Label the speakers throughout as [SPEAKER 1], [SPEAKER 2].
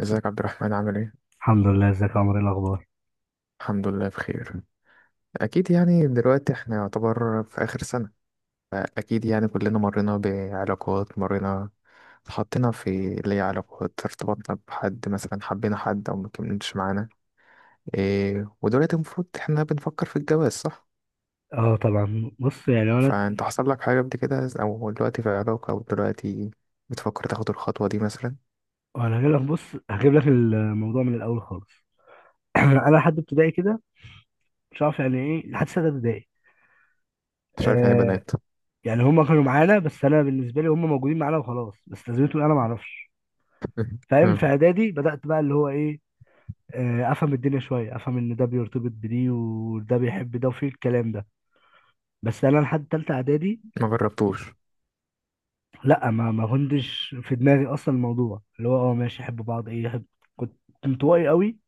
[SPEAKER 1] ازيك عبد الرحمن، عامل ايه؟
[SPEAKER 2] الحمد لله، ازيك يا عمر؟ ايه الاخبار؟
[SPEAKER 1] الحمد لله بخير. اكيد يعني دلوقتي احنا يعتبر في اخر سنة، فاكيد يعني كلنا مرينا بعلاقات، اتحطينا في اللي هي علاقات، ارتبطنا بحد مثلا، حبينا حد او مكملتش معانا. إيه، ودلوقتي المفروض احنا بنفكر في الجواز، صح؟
[SPEAKER 2] اه طبعا، بص يعني انا
[SPEAKER 1] فانت حصل لك حاجة قبل كده، او دلوقتي في علاقة، او دلوقتي بتفكر تاخد الخطوة دي مثلا؟
[SPEAKER 2] انا هجيب لك، بص هجيب لك الموضوع من الاول خالص. انا لحد ابتدائي كده مش عارف يعني، ايه لحد سنه ابتدائي.
[SPEAKER 1] مش عارف يعني
[SPEAKER 2] آه
[SPEAKER 1] بنات.
[SPEAKER 2] يعني هم كانوا معانا، بس انا بالنسبه لي هم موجودين معانا وخلاص، بس لازمتهم انا ما اعرفش. فاهم؟ في اعدادي بدات بقى اللي هو ايه، افهم الدنيا شويه، افهم ان ده بيرتبط بدي وده بيحب ده وفي الكلام ده. بس انا لحد تالته اعدادي
[SPEAKER 1] ما جربتوش؟
[SPEAKER 2] لا، ما كنتش في دماغي اصلا الموضوع اللي هو اه ماشي يحب بعض ايه يحب. كنت انطوائي قوي،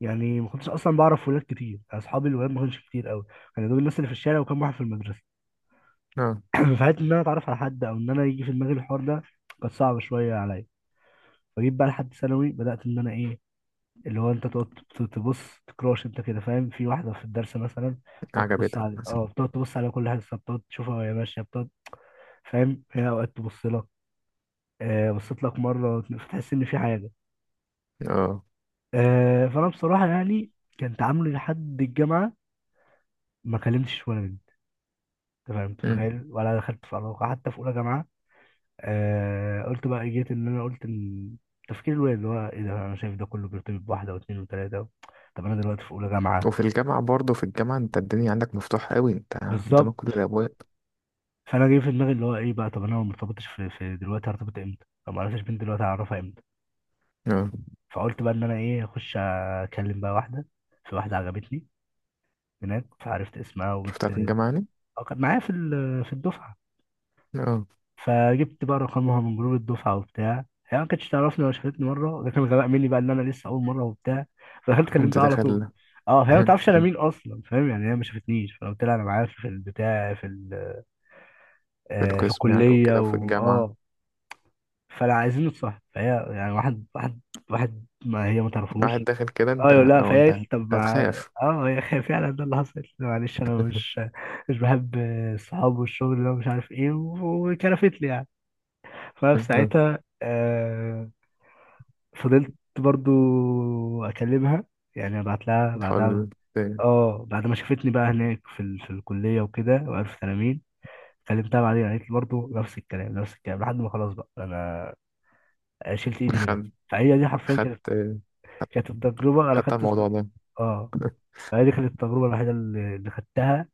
[SPEAKER 2] يعني ما كنتش اصلا بعرف ولاد كتير، اصحابي الولاد ما كانش كتير قوي. كانوا دول الناس اللي في الشارع، وكان واحد في المدرسه.
[SPEAKER 1] اه،
[SPEAKER 2] فحته ان انا اتعرف على حد او ان انا يجي في دماغي الحوار ده كانت صعبه شويه عليا. فجيت بقى لحد ثانوي بدات ان انا ايه، اللي هو انت تقعد تبص تكراش انت كده، فاهم؟ في واحده في الدرس مثلا تقعد تبص
[SPEAKER 1] عجبتك
[SPEAKER 2] على
[SPEAKER 1] مثلا؟
[SPEAKER 2] اه، بتقعد تبص على كل حاجه، بتقعد تشوفها وهي ماشيه بتقعد. فاهم؟ هي اوقات تبص لك. بصيت لك مره فتحس ان في حاجه.
[SPEAKER 1] اه،
[SPEAKER 2] فانا بصراحه يعني كان تعاملي لحد الجامعه ما كلمتش ولا بنت. تمام؟ انت متخيل؟ ولا دخلت في علاقة حتى في أولى جامعة. قلت بقى إيه، جيت إن أنا قلت إن تفكير الواد اللي هو إيه ده، أنا شايف ده كله بيرتبط بواحدة واتنين وتلاتة. طب أنا دلوقتي في أولى جامعة.
[SPEAKER 1] وفي الجامعة برضه، في الجامعة انت الدنيا عندك مفتوحة قوي، انت قدامك
[SPEAKER 2] بالظبط.
[SPEAKER 1] كل الأبواب.
[SPEAKER 2] فأنا جاي في دماغي اللي هو إيه بقى، طب أنا لو مرتبطش في دلوقتي هرتبط إمتى؟ لو معرفتش بنت دلوقتي هعرفها إمتى؟
[SPEAKER 1] اه،
[SPEAKER 2] فقلت بقى إن أنا إيه، أخش أكلم بقى واحدة. في واحدة عجبتني هناك، فعرفت اسمها
[SPEAKER 1] شفتها
[SPEAKER 2] وجبت.
[SPEAKER 1] في الجامعة يعني؟
[SPEAKER 2] أه، كانت معايا في الدفعة.
[SPEAKER 1] اه،
[SPEAKER 2] فجبت بقى رقمها من جروب الدفعه وبتاع، هي ما كانتش تعرفني ولا شافتني مره، ده كان غباء مني بقى ان انا لسه اول مره وبتاع. فدخلت
[SPEAKER 1] انت
[SPEAKER 2] كلمتها على طول.
[SPEAKER 1] داخل.
[SPEAKER 2] اه هي ما تعرفش انا مين اصلا، فاهم؟ يعني هي ما شافتنيش. فقلت لها انا معايا في البتاع
[SPEAKER 1] في
[SPEAKER 2] في
[SPEAKER 1] القسم يعني
[SPEAKER 2] الكليه
[SPEAKER 1] وكده، وفي الجامعة.
[SPEAKER 2] واه. فانا عايزين نتصاحب، فهي يعني واحد واحد، ما هي ما
[SPEAKER 1] واحد
[SPEAKER 2] تعرفوش.
[SPEAKER 1] داخل كده، انت
[SPEAKER 2] ايوه، لا
[SPEAKER 1] او
[SPEAKER 2] فهي
[SPEAKER 1] انت
[SPEAKER 2] قالت لي طب
[SPEAKER 1] انت
[SPEAKER 2] ما
[SPEAKER 1] هتخاف.
[SPEAKER 2] اه، هي فعلا ده اللي حصل. قلت لها معلش انا مش بحب الصحاب والشغل ده ومش عارف ايه، وكرفت لي يعني.
[SPEAKER 1] اه.
[SPEAKER 2] فساعتها آه، فضلت برضو اكلمها، يعني ابعت لها بعدها.
[SPEAKER 1] تحاول ت-
[SPEAKER 2] اه بعد ما شافتني بقى هناك في الكليه وكده وعرفت انا مين، كلمتها بعدين قالت لي برضه نفس الكلام نفس الكلام لحد ما خلاص بقى انا شلت ايدي منها.
[SPEAKER 1] خد
[SPEAKER 2] فهي دي حرفيا كانت،
[SPEAKER 1] خدت خدت
[SPEAKER 2] كانت التجربه انا
[SPEAKER 1] خدت على
[SPEAKER 2] خدت.
[SPEAKER 1] الموضوع ده.
[SPEAKER 2] اه. فهي دي كانت التجربه الوحيده اللي خدتها،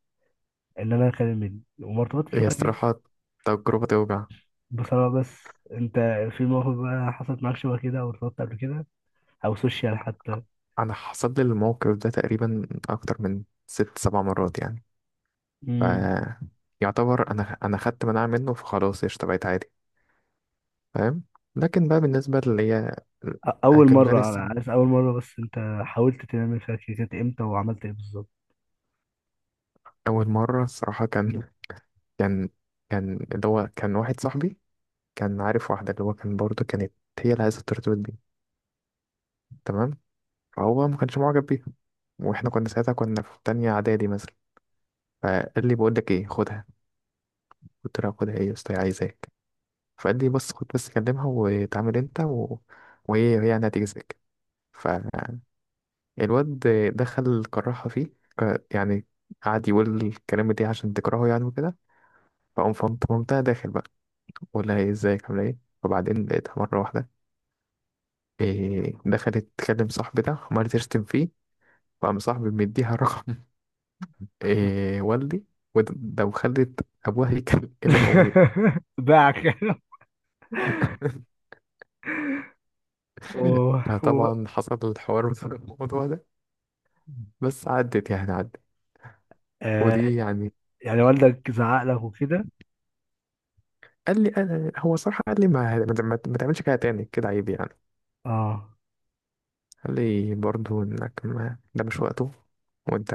[SPEAKER 2] ان انا اكلم مني، وما ارتبطتش
[SPEAKER 1] هي
[SPEAKER 2] بقى غير.
[SPEAKER 1] الصراحة تجربة توجع.
[SPEAKER 2] بصراحه. بس انت في موقف بقى حصلت معاك شبه كده؟ او ارتبطت قبل كده او سوشيال حتى؟
[SPEAKER 1] أنا حصل لي الموقف ده تقريبا أكتر من ست سبع مرات يعني. ف
[SPEAKER 2] مم.
[SPEAKER 1] يعتبر أنا خدت مناعة منه، فخلاص اشتبعت عادي. فاهم؟ لكن بقى بالنسبة اللي هي أنا
[SPEAKER 2] اول
[SPEAKER 1] كان
[SPEAKER 2] مره
[SPEAKER 1] فينيس.
[SPEAKER 2] انا عارف اول مره، بس انت حاولت تعمل فيها كيكات امتى وعملت ايه بالظبط؟
[SPEAKER 1] أول مرة الصراحة كان كان اللي هو كان واحد صاحبي كان عارف واحدة، اللي هو كان برضه كانت هي اللي عايزة الترتيبات دي، تمام؟ فهو ما كانش معجب بيها. واحنا كنا ساعتها كنا في تانية إعدادي مثلا. فقال لي: بقول لك ايه، خدها. قلت له: خدها ايه يا اسطى، هي عايزاك. فقال لي: بس خد بس كلمها وتعامل انت وهي يعني هتجيزك. الواد دخل كرهها فيه، يعني قعد يقول الكلام دي عشان تكرهه يعني وكده. فقام فهمت مامتها داخل بقى، بقول لها ايه، ازيك عامله ايه. وبعدين لقيتها مره واحده إيه دخلت تكلم صاحبي ده، عمالة تشتم فيه، وقام صاحبي مديها رقم. إيه والدي، وده وخلت ابوها يكلم ابوي.
[SPEAKER 2] باعك. و... و...
[SPEAKER 1] فطبعا حصل الحوار بسبب الموضوع ده. بس عدت يعني عدت.
[SPEAKER 2] آه.
[SPEAKER 1] ودي يعني.
[SPEAKER 2] يعني والدك زعق لك وكده؟
[SPEAKER 1] قال لي انا، هو صراحه قال لي: ما تعملش كده تاني، كده عيب يعني.
[SPEAKER 2] اه.
[SPEAKER 1] قال لي برضه انك ما، ده مش وقته. وانت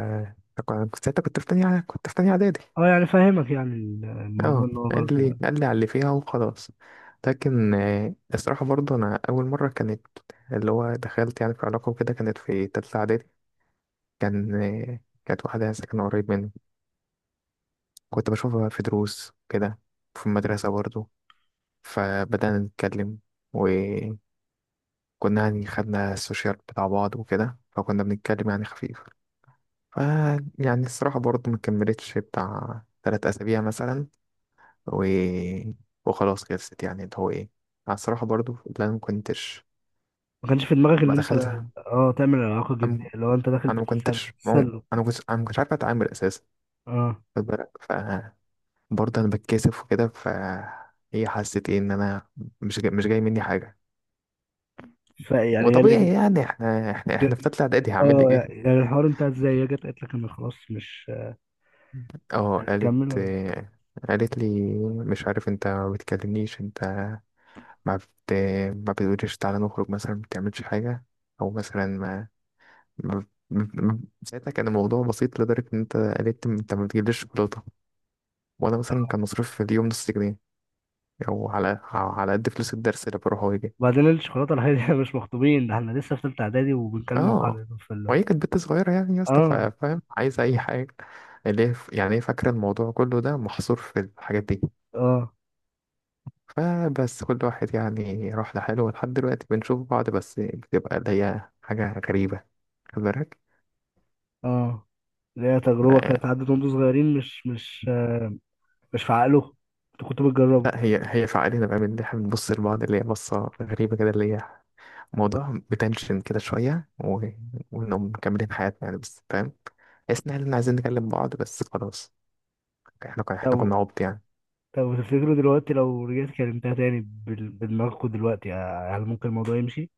[SPEAKER 1] أنا كنت ساعتها كنت في تانية كنت في تانية اعدادي.
[SPEAKER 2] اه يعني فاهمك، يعني الموضوع
[SPEAKER 1] اه،
[SPEAKER 2] ان هو غلط.
[SPEAKER 1] قال لي على اللي فيها وخلاص. لكن آه، الصراحة برضه أنا أول مرة كانت اللي هو دخلت يعني في علاقة وكده، كانت في تالتة إعدادي. آه، كانت واحدة ساكنة قريب مني. كنت بشوفها في دروس كده، في المدرسة برضه. فبدأنا نتكلم وكنا يعني خدنا السوشيال بتاع بعض وكده، فكنا بنتكلم يعني خفيف. ف يعني الصراحة برضه ما كملتش بتاع 3 أسابيع مثلا و... وخلاص خلصت يعني اللي هو إيه. أنا الصراحة برضه لا، ما كنتش،
[SPEAKER 2] ما كانش في دماغك ان
[SPEAKER 1] ما
[SPEAKER 2] انت،
[SPEAKER 1] دخلت،
[SPEAKER 2] اه، تعمل علاقه جديه،
[SPEAKER 1] أم...
[SPEAKER 2] لو انت داخل
[SPEAKER 1] أنا ما
[SPEAKER 2] بتتسلى
[SPEAKER 1] كنتش مو...
[SPEAKER 2] بتتسلى.
[SPEAKER 1] أنا ما كنتش عارف أتعامل أساسا.
[SPEAKER 2] اه.
[SPEAKER 1] خد بالك. ف برضه أنا بتكسف وكده، ف هي حست إيه إن أنا مش جاي مني حاجة.
[SPEAKER 2] فيعني هي اللي
[SPEAKER 1] وطبيعي يعني،
[SPEAKER 2] ج...
[SPEAKER 1] إحنا في تالتة إعدادي هعمل لك إيه؟
[SPEAKER 2] اه يعني الحوار انتهى ازاي؟ هي جت قالت لك انا خلاص مش
[SPEAKER 1] أه قالت
[SPEAKER 2] هتكمل ولا؟
[SPEAKER 1] لي: مش عارف، أنت ما بتكلمنيش، أنت ما بت... ما بتقوليش تعالى نخرج مثلا، ما بتعملش حاجة. أو مثلا ما... ما... ما- ساعتها كان الموضوع بسيط لدرجة إن أنت قلت: أنت ما بتجيبليش شوكولاتة. وأنا مثلا كان مصروف في اليوم نص جنيه، أو على قد فلوس الدرس، اللي بروح وأجي.
[SPEAKER 2] وبعدين الشوكولاته الحقيقيه، احنا مش مخطوبين، ده احنا لسه في ثالثه اعدادي وبنكلم بعض
[SPEAKER 1] أه،
[SPEAKER 2] يعني، في اللي،
[SPEAKER 1] وهي كانت بنت صغيرة يعني يا اسطى،
[SPEAKER 2] اه.
[SPEAKER 1] فاهم، عايزة أي حاجة. اللي هي يعني هي فاكرة الموضوع كله ده محصور في الحاجات دي.
[SPEAKER 2] اه.
[SPEAKER 1] فبس كل واحد يعني راح لحاله، ولحد دلوقتي بنشوف بعض، بس بتبقى اللي هي حاجة غريبة. خد بالك.
[SPEAKER 2] اه اللي هي تجربه
[SPEAKER 1] آه،
[SPEAKER 2] كانت عدت وانتوا صغيرين، مش في عقله، انتوا كنتوا بتجربوا.
[SPEAKER 1] لا، هي فعالية بقى من اللي احنا بنبص لبعض، اللي هي بصة غريبة كده، اللي هي موضوع بتنشن كده شوية وإنهم مكملين حياتنا يعني، بس فاهم، تحس إن احنا عايزين نكلم بعض بس خلاص. احنا كنا
[SPEAKER 2] طب
[SPEAKER 1] عبط يعني.
[SPEAKER 2] طب تفتكروا دلوقتي لو رجعت كلمتها تاني، بدماغكوا دلوقتي هل ممكن الموضوع يمشي؟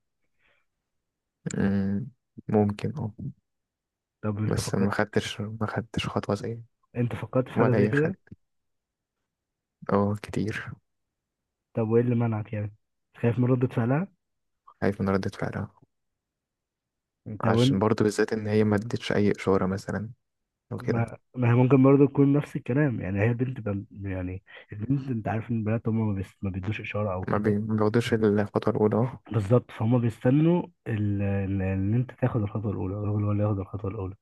[SPEAKER 1] أمم، ممكن، اه.
[SPEAKER 2] طب انت
[SPEAKER 1] بس
[SPEAKER 2] فكرت،
[SPEAKER 1] ما خدتش خطوة زي،
[SPEAKER 2] انت فكرت في حاجه
[SPEAKER 1] ولا
[SPEAKER 2] زي
[SPEAKER 1] أي خد.
[SPEAKER 2] كده؟
[SPEAKER 1] اه، كتير.
[SPEAKER 2] طب وايه اللي منعك يعني؟ خايف من ردة فعلها؟
[SPEAKER 1] خايف من ردة فعلها،
[SPEAKER 2] طب،
[SPEAKER 1] عشان برضو بالذات إن هي ما ادتش أي إشارة مثلا، أو كده.
[SPEAKER 2] ما هي ممكن برضه تكون نفس الكلام، يعني هي بنت بم... يعني البنت انت عارف ان البنات هم ما، بيس... ما بيدوش اشاره او كده.
[SPEAKER 1] ما بياخدوش الخطوة الأولى، اه.
[SPEAKER 2] بالظبط. فهم بيستنوا ال... ان إن انت تاخد الخطوه الاولى، الراجل هو اللي ياخد الخطوه الاولى.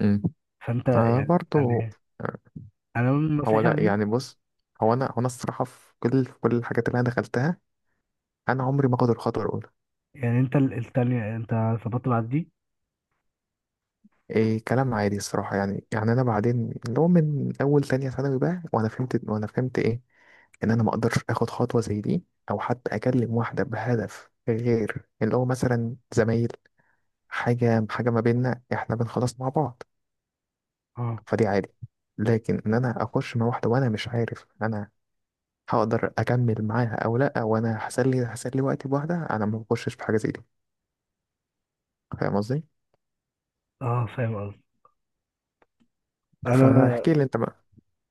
[SPEAKER 1] أمم.
[SPEAKER 2] فانت
[SPEAKER 1] آه،
[SPEAKER 2] يعني
[SPEAKER 1] برضو.
[SPEAKER 2] يعني انا من
[SPEAKER 1] هو
[SPEAKER 2] نصيحتي
[SPEAKER 1] لا
[SPEAKER 2] عليه.
[SPEAKER 1] يعني بص، هو انا الصراحه في كل الحاجات اللي انا دخلتها، انا عمري ما اخد الخطوه الاولى.
[SPEAKER 2] يعني انت التانية انت ظبطت بعد دي؟
[SPEAKER 1] إيه كلام عادي الصراحه يعني انا بعدين اللي هو من اول تانية ثانوي بقى، وانا فهمت ايه، ان انا ما اقدرش اخد خطوه زي دي، او حتى اكلم واحده بهدف غير اللي هو مثلا زمايل. حاجه حاجه ما بيننا، احنا بنخلص مع بعض،
[SPEAKER 2] اه.
[SPEAKER 1] فدي عادي. لكن ان انا اخش مع واحده وانا مش عارف انا هقدر اكمل معاها او لا، وانا هسلي وقتي بواحده، انا ما بخشش في حاجه زي دي. فاهم قصدي.
[SPEAKER 2] اه فاهم قصدي. انا
[SPEAKER 1] فاحكي لي انت بقى.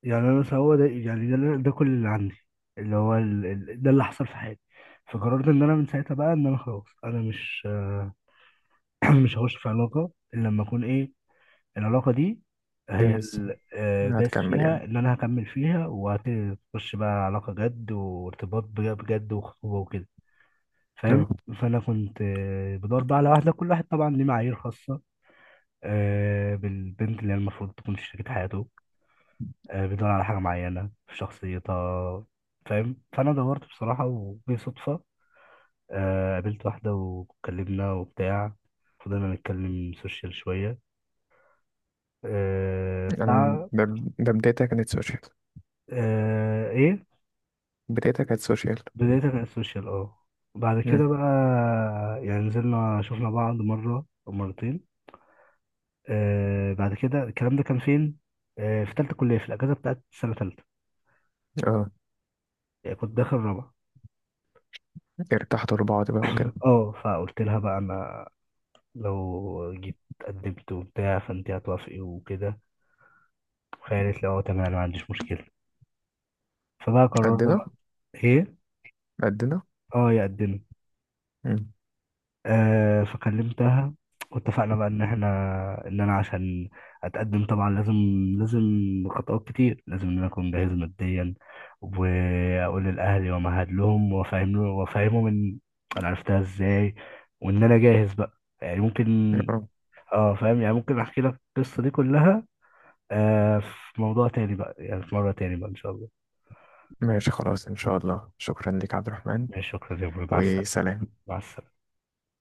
[SPEAKER 2] يعني انا بس هو ده، يعني اللي، ده كل اللي عندي، اللي هو ده اللي حصل في حياتي. فقررت ان انا من ساعتها بقى ان انا خلاص، انا مش مش هخش في علاقة إلا لما أكون إيه، العلاقة دي هي
[SPEAKER 1] جاهز،
[SPEAKER 2] آه، داس
[SPEAKER 1] هتكمل
[SPEAKER 2] فيها
[SPEAKER 1] يعني.
[SPEAKER 2] إن أنا هكمل فيها، وهتخش بقى علاقة جد وارتباط بجد وخطوبة وكده. فاهم؟
[SPEAKER 1] اه.
[SPEAKER 2] فأنا كنت آه، بدور بقى على واحدة. كل واحد طبعا ليه معايير خاصة آه، بالبنت اللي هي المفروض تكون في شريكة حياته، آه، بيدور على حاجة معينة في شخصيتها. فاهم؟ فأنا دورت بصراحة، وبصدفة آه، قابلت واحدة واتكلمنا وبتاع، فضلنا نتكلم سوشيال شوية آه
[SPEAKER 1] انا
[SPEAKER 2] بتاع.
[SPEAKER 1] ده، ده بدايتها كانت سوشيال.
[SPEAKER 2] آه ايه،
[SPEAKER 1] بدايتها كانت سوشيال.
[SPEAKER 2] بداية من السوشيال، اه، بعد
[SPEAKER 1] مم.
[SPEAKER 2] كده بقى يعني نزلنا شفنا بعض مرة أو مرتين. آه بعد كده الكلام ده كان فين؟ آه في تالتة كلية، في الأجازة بتاعت سنة تالتة،
[SPEAKER 1] اه.
[SPEAKER 2] يعني كنت داخل رابعة.
[SPEAKER 1] ارتحتوا لبعض بقى وكده.
[SPEAKER 2] اه. فقلت لها بقى أنا لو جيت قدمت وبتاع، فأنت هتوافقي وكده؟ فهي قالت لي اه تمام، أنا ما عنديش مشكلة. فبقى قررنا بقى،
[SPEAKER 1] قدنا.
[SPEAKER 2] ايه،
[SPEAKER 1] قدنا.
[SPEAKER 2] اه يقدم.
[SPEAKER 1] مم.
[SPEAKER 2] آه فكلمتها واتفقنا بقى ان احنا، ان انا عشان اتقدم طبعا لازم خطوات كتير، لازم ان انا اكون جاهز ماديا، واقول لاهلي ومهد لهم وافهم له وافهمهم ان انا عرفتها ازاي، وان انا جاهز بقى، يعني ممكن.
[SPEAKER 1] اه
[SPEAKER 2] اه فاهم؟ يعني ممكن احكي لك القصه دي كلها آه في موضوع تاني بقى، يعني في مره تاني بقى ان شاء الله.
[SPEAKER 1] ماشي خلاص ان شاء الله، شكرا لك عبد الرحمن.
[SPEAKER 2] ماشي، شكرا يا برو، مع السلامه.
[SPEAKER 1] وسلام.
[SPEAKER 2] مع السلامه.